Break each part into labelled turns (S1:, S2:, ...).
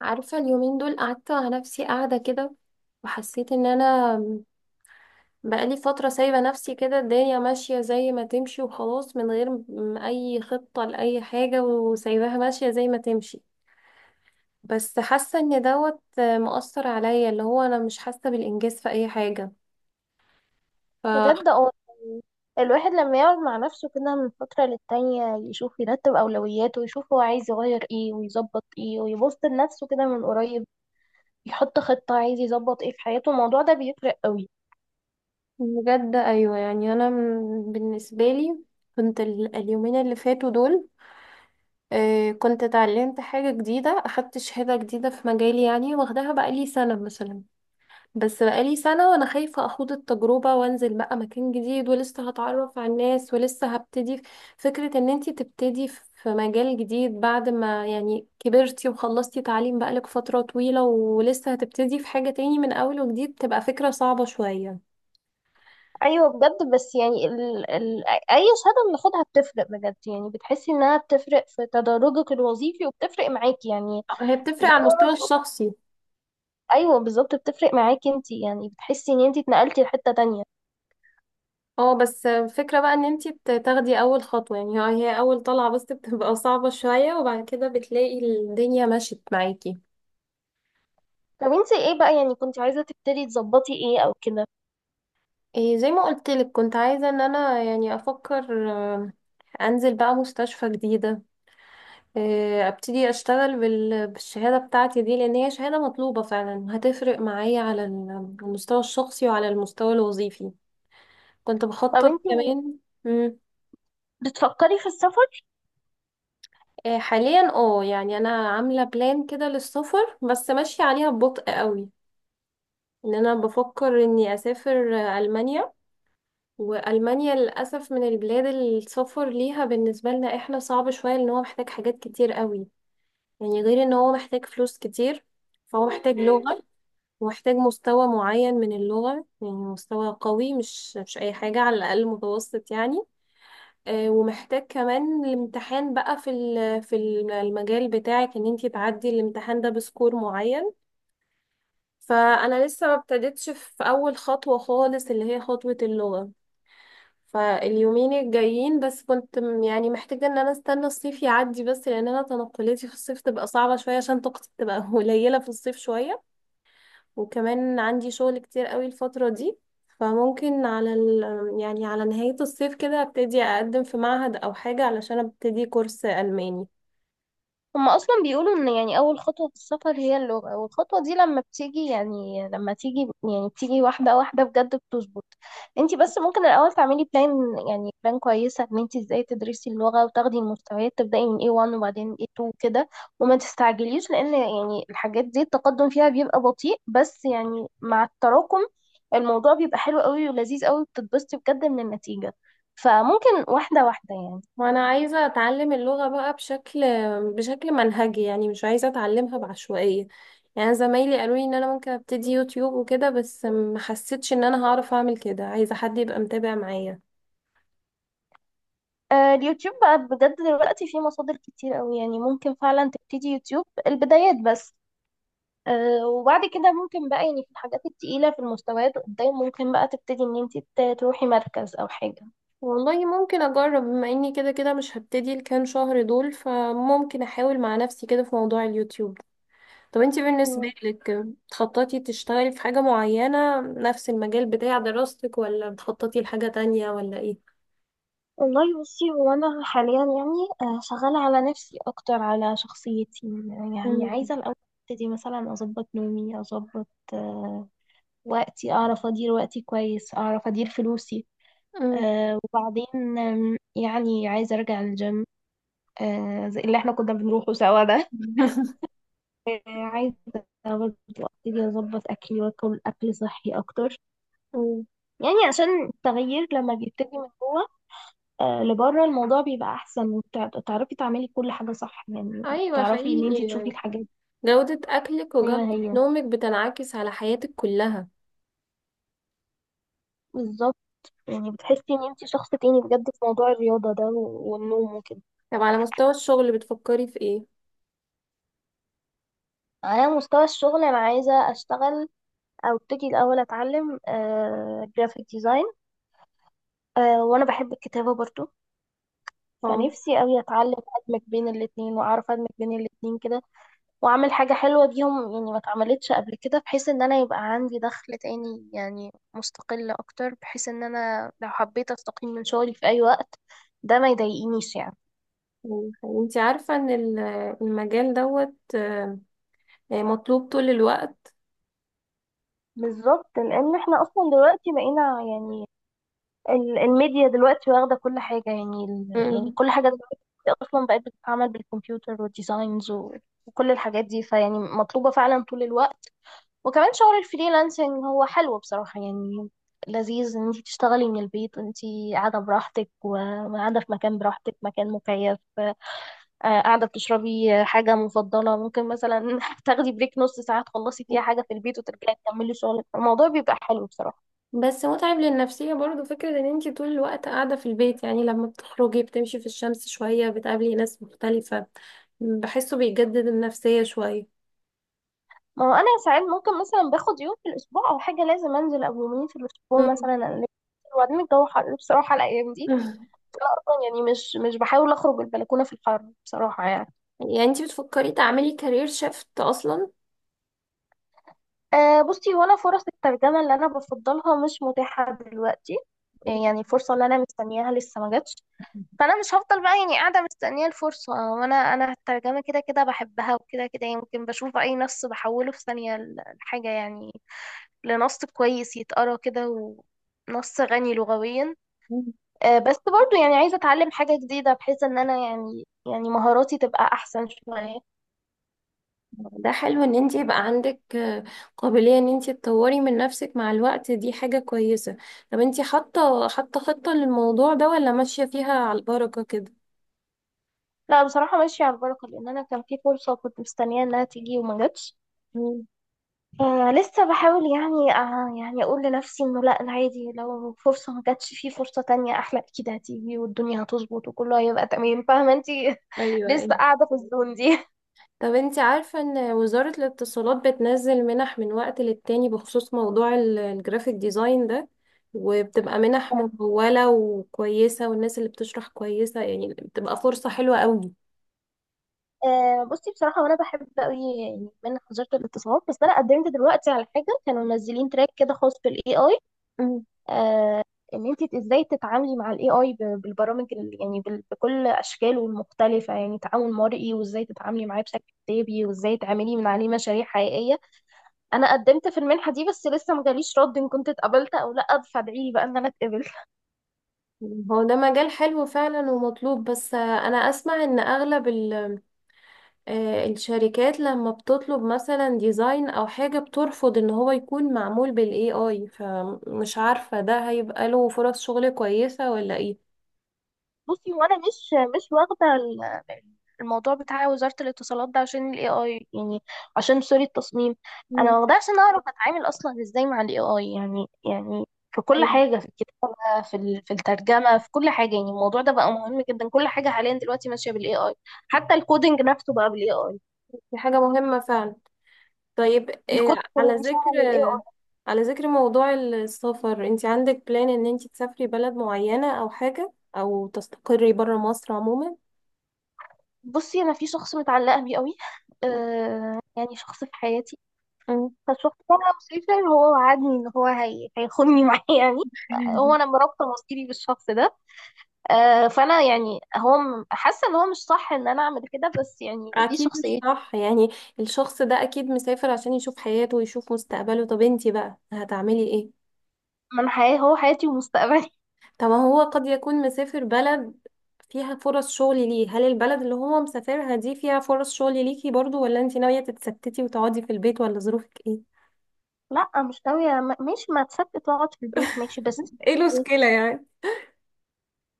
S1: عارفة اليومين دول قعدت على نفسي قاعدة كده، وحسيت ان انا بقالي فترة سايبة نفسي كده، الدنيا ماشية زي ما تمشي وخلاص من غير اي خطة لأي حاجة وسايباها ماشية زي ما تمشي. بس حاسة ان دوت مؤثر عليا اللي هو انا مش حاسة بالانجاز في اي حاجة. ف
S2: بجد اه. الواحد لما يقعد مع نفسه كده من فترة للتانية يشوف يرتب أولوياته ويشوف هو عايز يغير ايه ويظبط ايه ويبص لنفسه كده من قريب، يحط خطة عايز يظبط ايه في حياته. الموضوع ده بيفرق قوي.
S1: بجد ايوه يعني انا بالنسبة لي كنت اليومين اللي فاتوا دول، كنت اتعلمت حاجة جديدة، أخدت شهادة جديدة في مجالي يعني، واخداها بقالي سنة مثلا. بس بقالي سنة وأنا خايفة أخوض التجربة وأنزل بقى مكان جديد، ولسه هتعرف على الناس ولسه هبتدي. فكرة إن أنتي تبتدي في مجال جديد بعد ما يعني كبرتي وخلصتي تعليم بقالك فترة طويلة ولسه هتبتدي في حاجة تاني من أول وجديد، تبقى فكرة صعبة شوية.
S2: أيوة بجد، بس يعني أي شهادة بناخدها بتفرق بجد، يعني بتحسي إنها بتفرق في تدرجك الوظيفي وبتفرق معاكي يعني.
S1: هي بتفرق
S2: زي
S1: على
S2: ما
S1: المستوى
S2: أنا بقول،
S1: الشخصي.
S2: أيوة بالظبط بتفرق معاكي انتي، يعني بتحسي إن انتي اتنقلتي لحتة تانية.
S1: اه، بس الفكرة بقى إن أنتي تاخدي أول خطوة، يعني هي أول طلعة بس بتبقى صعبة شوية، وبعد كده بتلاقي الدنيا مشيت معاكي.
S2: طب انتي ايه بقى يعني، كنت عايزة تبتدي تظبطي ايه أو كده؟
S1: إيه، زي ما قلت لك كنت عايزة ان انا يعني افكر، انزل بقى مستشفى جديدة، ابتدي اشتغل بالشهادة بتاعتي دي، لان هي شهادة مطلوبة فعلا، هتفرق معايا على المستوى الشخصي وعلى المستوى الوظيفي. كنت
S2: طب
S1: بخطط
S2: انتي
S1: كمان. مم.
S2: بتفكري في السفر؟
S1: حاليا يعني انا عاملة بلان كده للسفر بس ماشية عليها ببطء قوي، ان انا بفكر اني اسافر المانيا. وألمانيا للأسف من البلاد اللي السفر ليها بالنسبة لنا احنا صعب شوية، لأن هو محتاج حاجات كتير قوي. يعني غير إن هو محتاج فلوس كتير، فهو محتاج لغة، ومحتاج مستوى معين من اللغة، يعني مستوى قوي، مش أي حاجة، على الأقل متوسط يعني. ومحتاج كمان الامتحان بقى في المجال بتاعك، إن انتي تعدي الامتحان ده بسكور معين. فأنا لسه ما ابتديتش في أول خطوة خالص اللي هي خطوة اللغة. فاليومين الجايين بس كنت يعني محتاجة ان انا استنى الصيف يعدي، بس لان انا تنقلاتي في الصيف تبقى صعبة شوية عشان طاقتي تبقى قليلة في الصيف شوية. وكمان عندي شغل كتير قوي الفترة دي. فممكن يعني على نهاية الصيف كده ابتدي اقدم في معهد او حاجة علشان ابتدي كورس ألماني.
S2: هما اصلا بيقولوا ان يعني اول خطوه في السفر هي اللغه، والخطوه دي لما بتيجي يعني لما تيجي يعني بتيجي واحده واحده بجد بتظبط. انت بس ممكن الاول تعملي بلان، يعني بلان كويسه ان انت ازاي تدرسي اللغه وتاخدي المستويات، تبداي من A1 وبعدين A2 كده. وما تستعجليش، لان يعني الحاجات دي التقدم فيها بيبقى بطيء، بس يعني مع التراكم الموضوع بيبقى حلو قوي ولذيذ قوي، بتتبسطي بجد من النتيجه. فممكن واحده واحده يعني.
S1: وانا عايزة اتعلم اللغة بقى بشكل منهجي يعني، مش عايزة اتعلمها بعشوائية. يعني زمايلي قالوا لي ان انا ممكن ابتدي يوتيوب وكده، بس ما حسيتش ان انا هعرف اعمل كده، عايزة حد يبقى متابع معايا.
S2: اليوتيوب بقى بجد دلوقتي فيه مصادر كتير قوي، يعني ممكن فعلا تبتدي يوتيوب البدايات بس. وبعد كده ممكن بقى يعني في الحاجات التقيلة في المستويات قدام ممكن بقى تبتدي ان انت تروحي مركز او حاجة.
S1: والله ممكن اجرب، بما اني كده كده مش هبتدي الكام شهر دول، فممكن احاول مع نفسي كده في موضوع اليوتيوب. طب انتي
S2: مم.
S1: بالنسبة لك بتخططي تشتغلي في حاجة معينة نفس المجال بتاع دراستك، ولا بتخططي لحاجة تانية، ولا ايه؟
S2: والله بصي، هو أنا حاليا يعني شغالة على نفسي أكتر، على شخصيتي. يعني
S1: مم.
S2: عايزة الأول أبتدي مثلا أظبط نومي، أظبط آه، وقتي، أعرف أدير وقتي كويس، أعرف أدير فلوسي. وبعدين يعني عايزة أرجع الجيم، زي اللي احنا كنا بنروحه سوا ده.
S1: مم.
S2: عايزة برضه ابتدي اظبط اكلي، واكل اكل صحي اكتر. يعني عشان التغيير لما بيبتدي من جوه لبره الموضوع بيبقى احسن، وتعرفي تعملي كل حاجة صح يعني،
S1: ايوه
S2: تعرفي ان انتي
S1: حقيقي
S2: تشوفي
S1: يعني،
S2: الحاجات
S1: جودة اكلك
S2: زي ما
S1: وجودة
S2: هي
S1: نومك بتنعكس على حياتك كلها.
S2: بالظبط. يعني بتحسي ان انتي شخص تاني بجد في موضوع الرياضة ده والنوم وكده.
S1: طب على مستوى الشغل بتفكري في ايه؟
S2: على مستوى الشغل انا عايزة اشتغل، او ابتدي الاول اتعلم جرافيك ديزاين. وانا بحب الكتابة برضو،
S1: اه
S2: فنفسي قوي اتعلم ادمج بين الاتنين، واعرف ادمج بين الاتنين كده، واعمل حاجة حلوة بيهم يعني ما اتعملتش قبل كده، بحيث ان انا يبقى عندي دخل تاني يعني مستقل اكتر، بحيث ان انا لو حبيت استقيل من شغلي في اي وقت ده ما يضايقنيش يعني.
S1: يعني انت عارفة ان المجال دوت يعني مطلوب طول الوقت.
S2: بالظبط، لان احنا اصلا دلوقتي بقينا يعني الميديا دلوقتي واخده كل حاجه يعني،
S1: أمم.
S2: كل حاجه دلوقتي اصلا بقت بتتعمل بالكمبيوتر والديزاينز وكل الحاجات دي. فيعني مطلوبه فعلا طول الوقت. وكمان شغل الفريلانسنج هو حلو بصراحة يعني، لذيذ ان انت تشتغلي من البيت، انت قاعدة براحتك، وقاعدة في مكان براحتك، مكان مكيف. قاعدة بتشربي حاجة مفضلة، ممكن مثلا تاخدي بريك نص ساعة تخلصي فيها حاجة في البيت وترجعي تكملي شغلك. الموضوع بيبقى حلو بصراحة.
S1: بس متعب للنفسية برضو، فكرة ان انت طول الوقت قاعدة في البيت، يعني لما بتخرجي بتمشي في الشمس شوية بتقابلي ناس مختلفة، بحسه بيجدد النفسية شوية.
S2: ما هو انا ساعات ممكن مثلا باخد يوم في الاسبوع او حاجة لازم انزل، او يومين في الاسبوع
S1: أمم.
S2: مثلا ألف. وبعدين الجو حر بصراحة الايام دي، أصلاً يعني مش بحاول اخرج البلكونة في الحر بصراحة يعني.
S1: يعني انت بتفكري تعملي كارير شيفت اصلا؟
S2: أه بصي، هو انا فرص الترجمة اللي أنا بفضلها مش متاحة دلوقتي. إيه، يعني الفرصة اللي أنا مستنياها لسه ما جاتش. فأنا مش هفضل بقى يعني قاعدة مستنية الفرصة، وأنا أنا الترجمة كده كده بحبها، وكده كده يمكن بشوف أي نص بحوله في ثانية الحاجة يعني، لنص كويس يتقرا كده ونص غني لغويا. أه، بس برضو يعني عايزة أتعلم حاجة جديدة، بحيث إن أنا يعني مهاراتي تبقى أحسن شوية.
S1: ده حلو ان انت يبقى عندك قابلية ان انت تطوري من نفسك مع الوقت، دي حاجة كويسة. طب انت حاطة خطة للموضوع ده، ولا ماشية فيها على البركة كده؟
S2: لا بصراحة ماشية على البركة، لأن أنا كان في فرصة كنت مستنية إنها تيجي وما جاتش.
S1: مم.
S2: آه لسه بحاول يعني، آه يعني أقول لنفسي إنه لأ عادي، لو فرصة ما جاتش في فرصة تانية أحلى أكيد هتيجي، والدنيا هتظبط وكله هيبقى تمام. فاهمة أنتي؟
S1: ايوه ايوه.
S2: لسه قاعدة في الزون دي.
S1: طب انت عارفة ان وزارة الاتصالات بتنزل منح من وقت للتاني بخصوص موضوع الجرافيك ديزاين ده، وبتبقى منح ممولة وكويسة، والناس اللي بتشرح كويسة يعني، بتبقى فرصة حلوة قوي.
S2: آه بصي بصراحة وأنا بحب أوي يعني من وزارة الاتصالات، بس أنا قدمت دلوقتي على حاجة كانوا منزلين تراك كده خاص بالاي اي.
S1: مم.
S2: آه، إن أنت إزاي تتعاملي مع الاي اي بالبرامج بكل أشكاله المختلفة، يعني تعامل مرئي، وإزاي تتعاملي معاه بشكل كتابي، وإزاي تعملي من عليه مشاريع حقيقية. انا قدمت في المنحه دي، بس لسه ما جاليش رد ان كنت اتقبلت او لا، فادعي لي بقى ان انا اتقبل.
S1: هو ده مجال حلو فعلا ومطلوب، بس انا اسمع ان اغلب الشركات لما بتطلب مثلا ديزاين او حاجة بترفض ان هو يكون معمول بالاي اي، فمش عارفة ده هيبقى له فرص شغل كويسة ولا ايه.
S2: بصي، وانا مش واخده الموضوع بتاع وزاره الاتصالات ده عشان الاي اي يعني، عشان سوري التصميم.
S1: مم.
S2: انا واخداه عشان اعرف اتعامل اصلا ازاي مع الاي اي يعني. في كل
S1: طيب.
S2: حاجه، في الكتابه، في في الترجمه، في كل حاجه يعني الموضوع ده بقى مهم جدا. كل حاجه حاليا دلوقتي ماشيه بالاي اي، حتى الكودينج نفسه بقى بالاي اي،
S1: دي حاجة مهمة فعلا. طيب،
S2: الكود اللي
S1: على
S2: بيشغل
S1: ذكر
S2: الاي.
S1: على ذكر موضوع السفر، انت عندك بلان ان انت تسافري بلد معينة او حاجة، او تستقري برا مصر عموما؟
S2: بصي انا في شخص متعلقه بيه قوي، آه يعني شخص في حياتي.
S1: مم.
S2: فالشخص ده انا مسافر، هو وعدني ان هو هيخوني معاه يعني. هو انا مرابطه مصيري بالشخص ده. آه فانا يعني، هو حاسه ان هو مش صح ان انا اعمل كده، بس يعني دي
S1: اكيد مش
S2: شخصيتي.
S1: صح يعني. الشخص ده اكيد مسافر عشان يشوف حياته ويشوف مستقبله، طب انتي بقى هتعملي ايه؟
S2: من حياه، هو حياتي ومستقبلي.
S1: طب ما هو قد يكون مسافر بلد فيها فرص شغل ليه، هل البلد اللي هو مسافرها دي فيها فرص شغل ليكي برضو، ولا انتي ناوية تتستتي وتقعدي في البيت، ولا ظروفك ايه؟
S2: لا مش ناويه، ماشي ما تصدق تقعد في البيت ماشي بس.
S1: ايه المشكلة يعني؟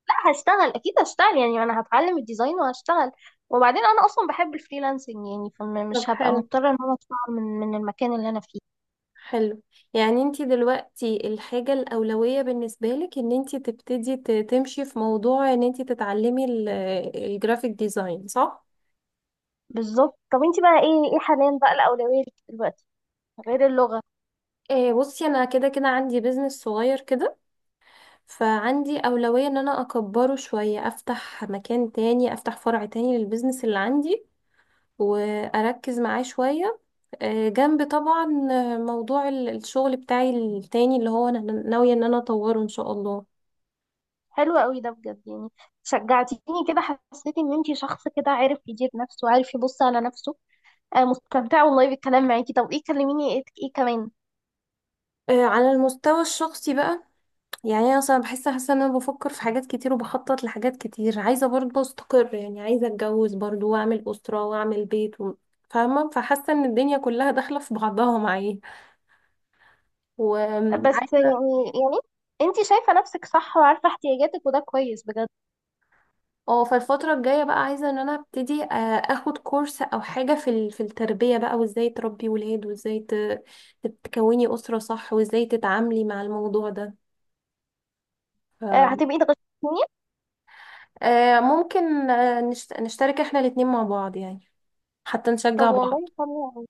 S2: لا، هشتغل اكيد هشتغل، يعني انا هتعلم الديزاين وهشتغل. وبعدين انا اصلا بحب الفريلانسنج يعني،
S1: طب
S2: فمش هبقى
S1: حلو.
S2: مضطره ان انا اشتغل من المكان اللي انا فيه.
S1: حلو. يعني انتي دلوقتي الحاجة الأولوية بالنسبة لك ان انتي تبتدي تمشي في موضوع ان انتي تتعلمي الجرافيك ديزاين، صح؟
S2: بالظبط. طب انت بقى، ايه حاليا بقى الاولويه ليكي دلوقتي غير اللغه؟
S1: إيه بصي انا كده كده عندي بيزنس صغير كده، فعندي اولوية ان انا اكبره شوية، افتح مكان تاني، افتح فرع تاني للبيزنس اللي عندي، واركز معاه شوية. إيه، جنب طبعا موضوع الشغل بتاعي التاني اللي هو انا ناوية ان انا اطوره ان شاء الله.
S2: حلو قوي ده بجد يعني، شجعتيني كده، حسيت ان انت شخص كده عارف يدير نفسه وعارف يبص على نفسه. آه مستمتعه والله بالكلام معاكي. طب ايه، كلميني ايه, إيه كمان؟
S1: إيه، على المستوى الشخصي بقى، يعني انا اصلا حاسه ان انا بفكر في حاجات كتير وبخطط لحاجات كتير، عايزه برضه استقر يعني، عايزه اتجوز برضه واعمل اسره واعمل بيت فاهمه، فحاسه ان الدنيا كلها داخله في بعضها معايا،
S2: بس
S1: وعايزه
S2: يعني انت شايفه نفسك صح وعارفه احتياجاتك وده كويس بجد.
S1: اه، فالفتره الجايه بقى عايزه ان انا ابتدي اخد كورس او حاجه في التربيه بقى، وازاي تربي ولاد، وازاي تكوني اسره صح، وازاي تتعاملي مع الموضوع ده.
S2: آه هتبقي تغششيني.
S1: ممكن، نشترك احنا الاتنين مع بعض يعني، حتى نشجع
S2: طب
S1: بعض.
S2: والله حلو.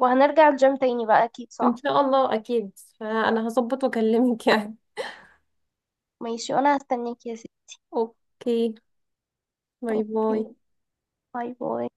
S2: وهنرجع الجيم تاني بقى أكيد
S1: ان
S2: صح؟
S1: شاء الله اكيد، فانا هظبط واكلمك يعني.
S2: ماشي وأنا هستناك يا ستي.
S1: اوكي. باي
S2: اوكي.
S1: باي.
S2: باي باي.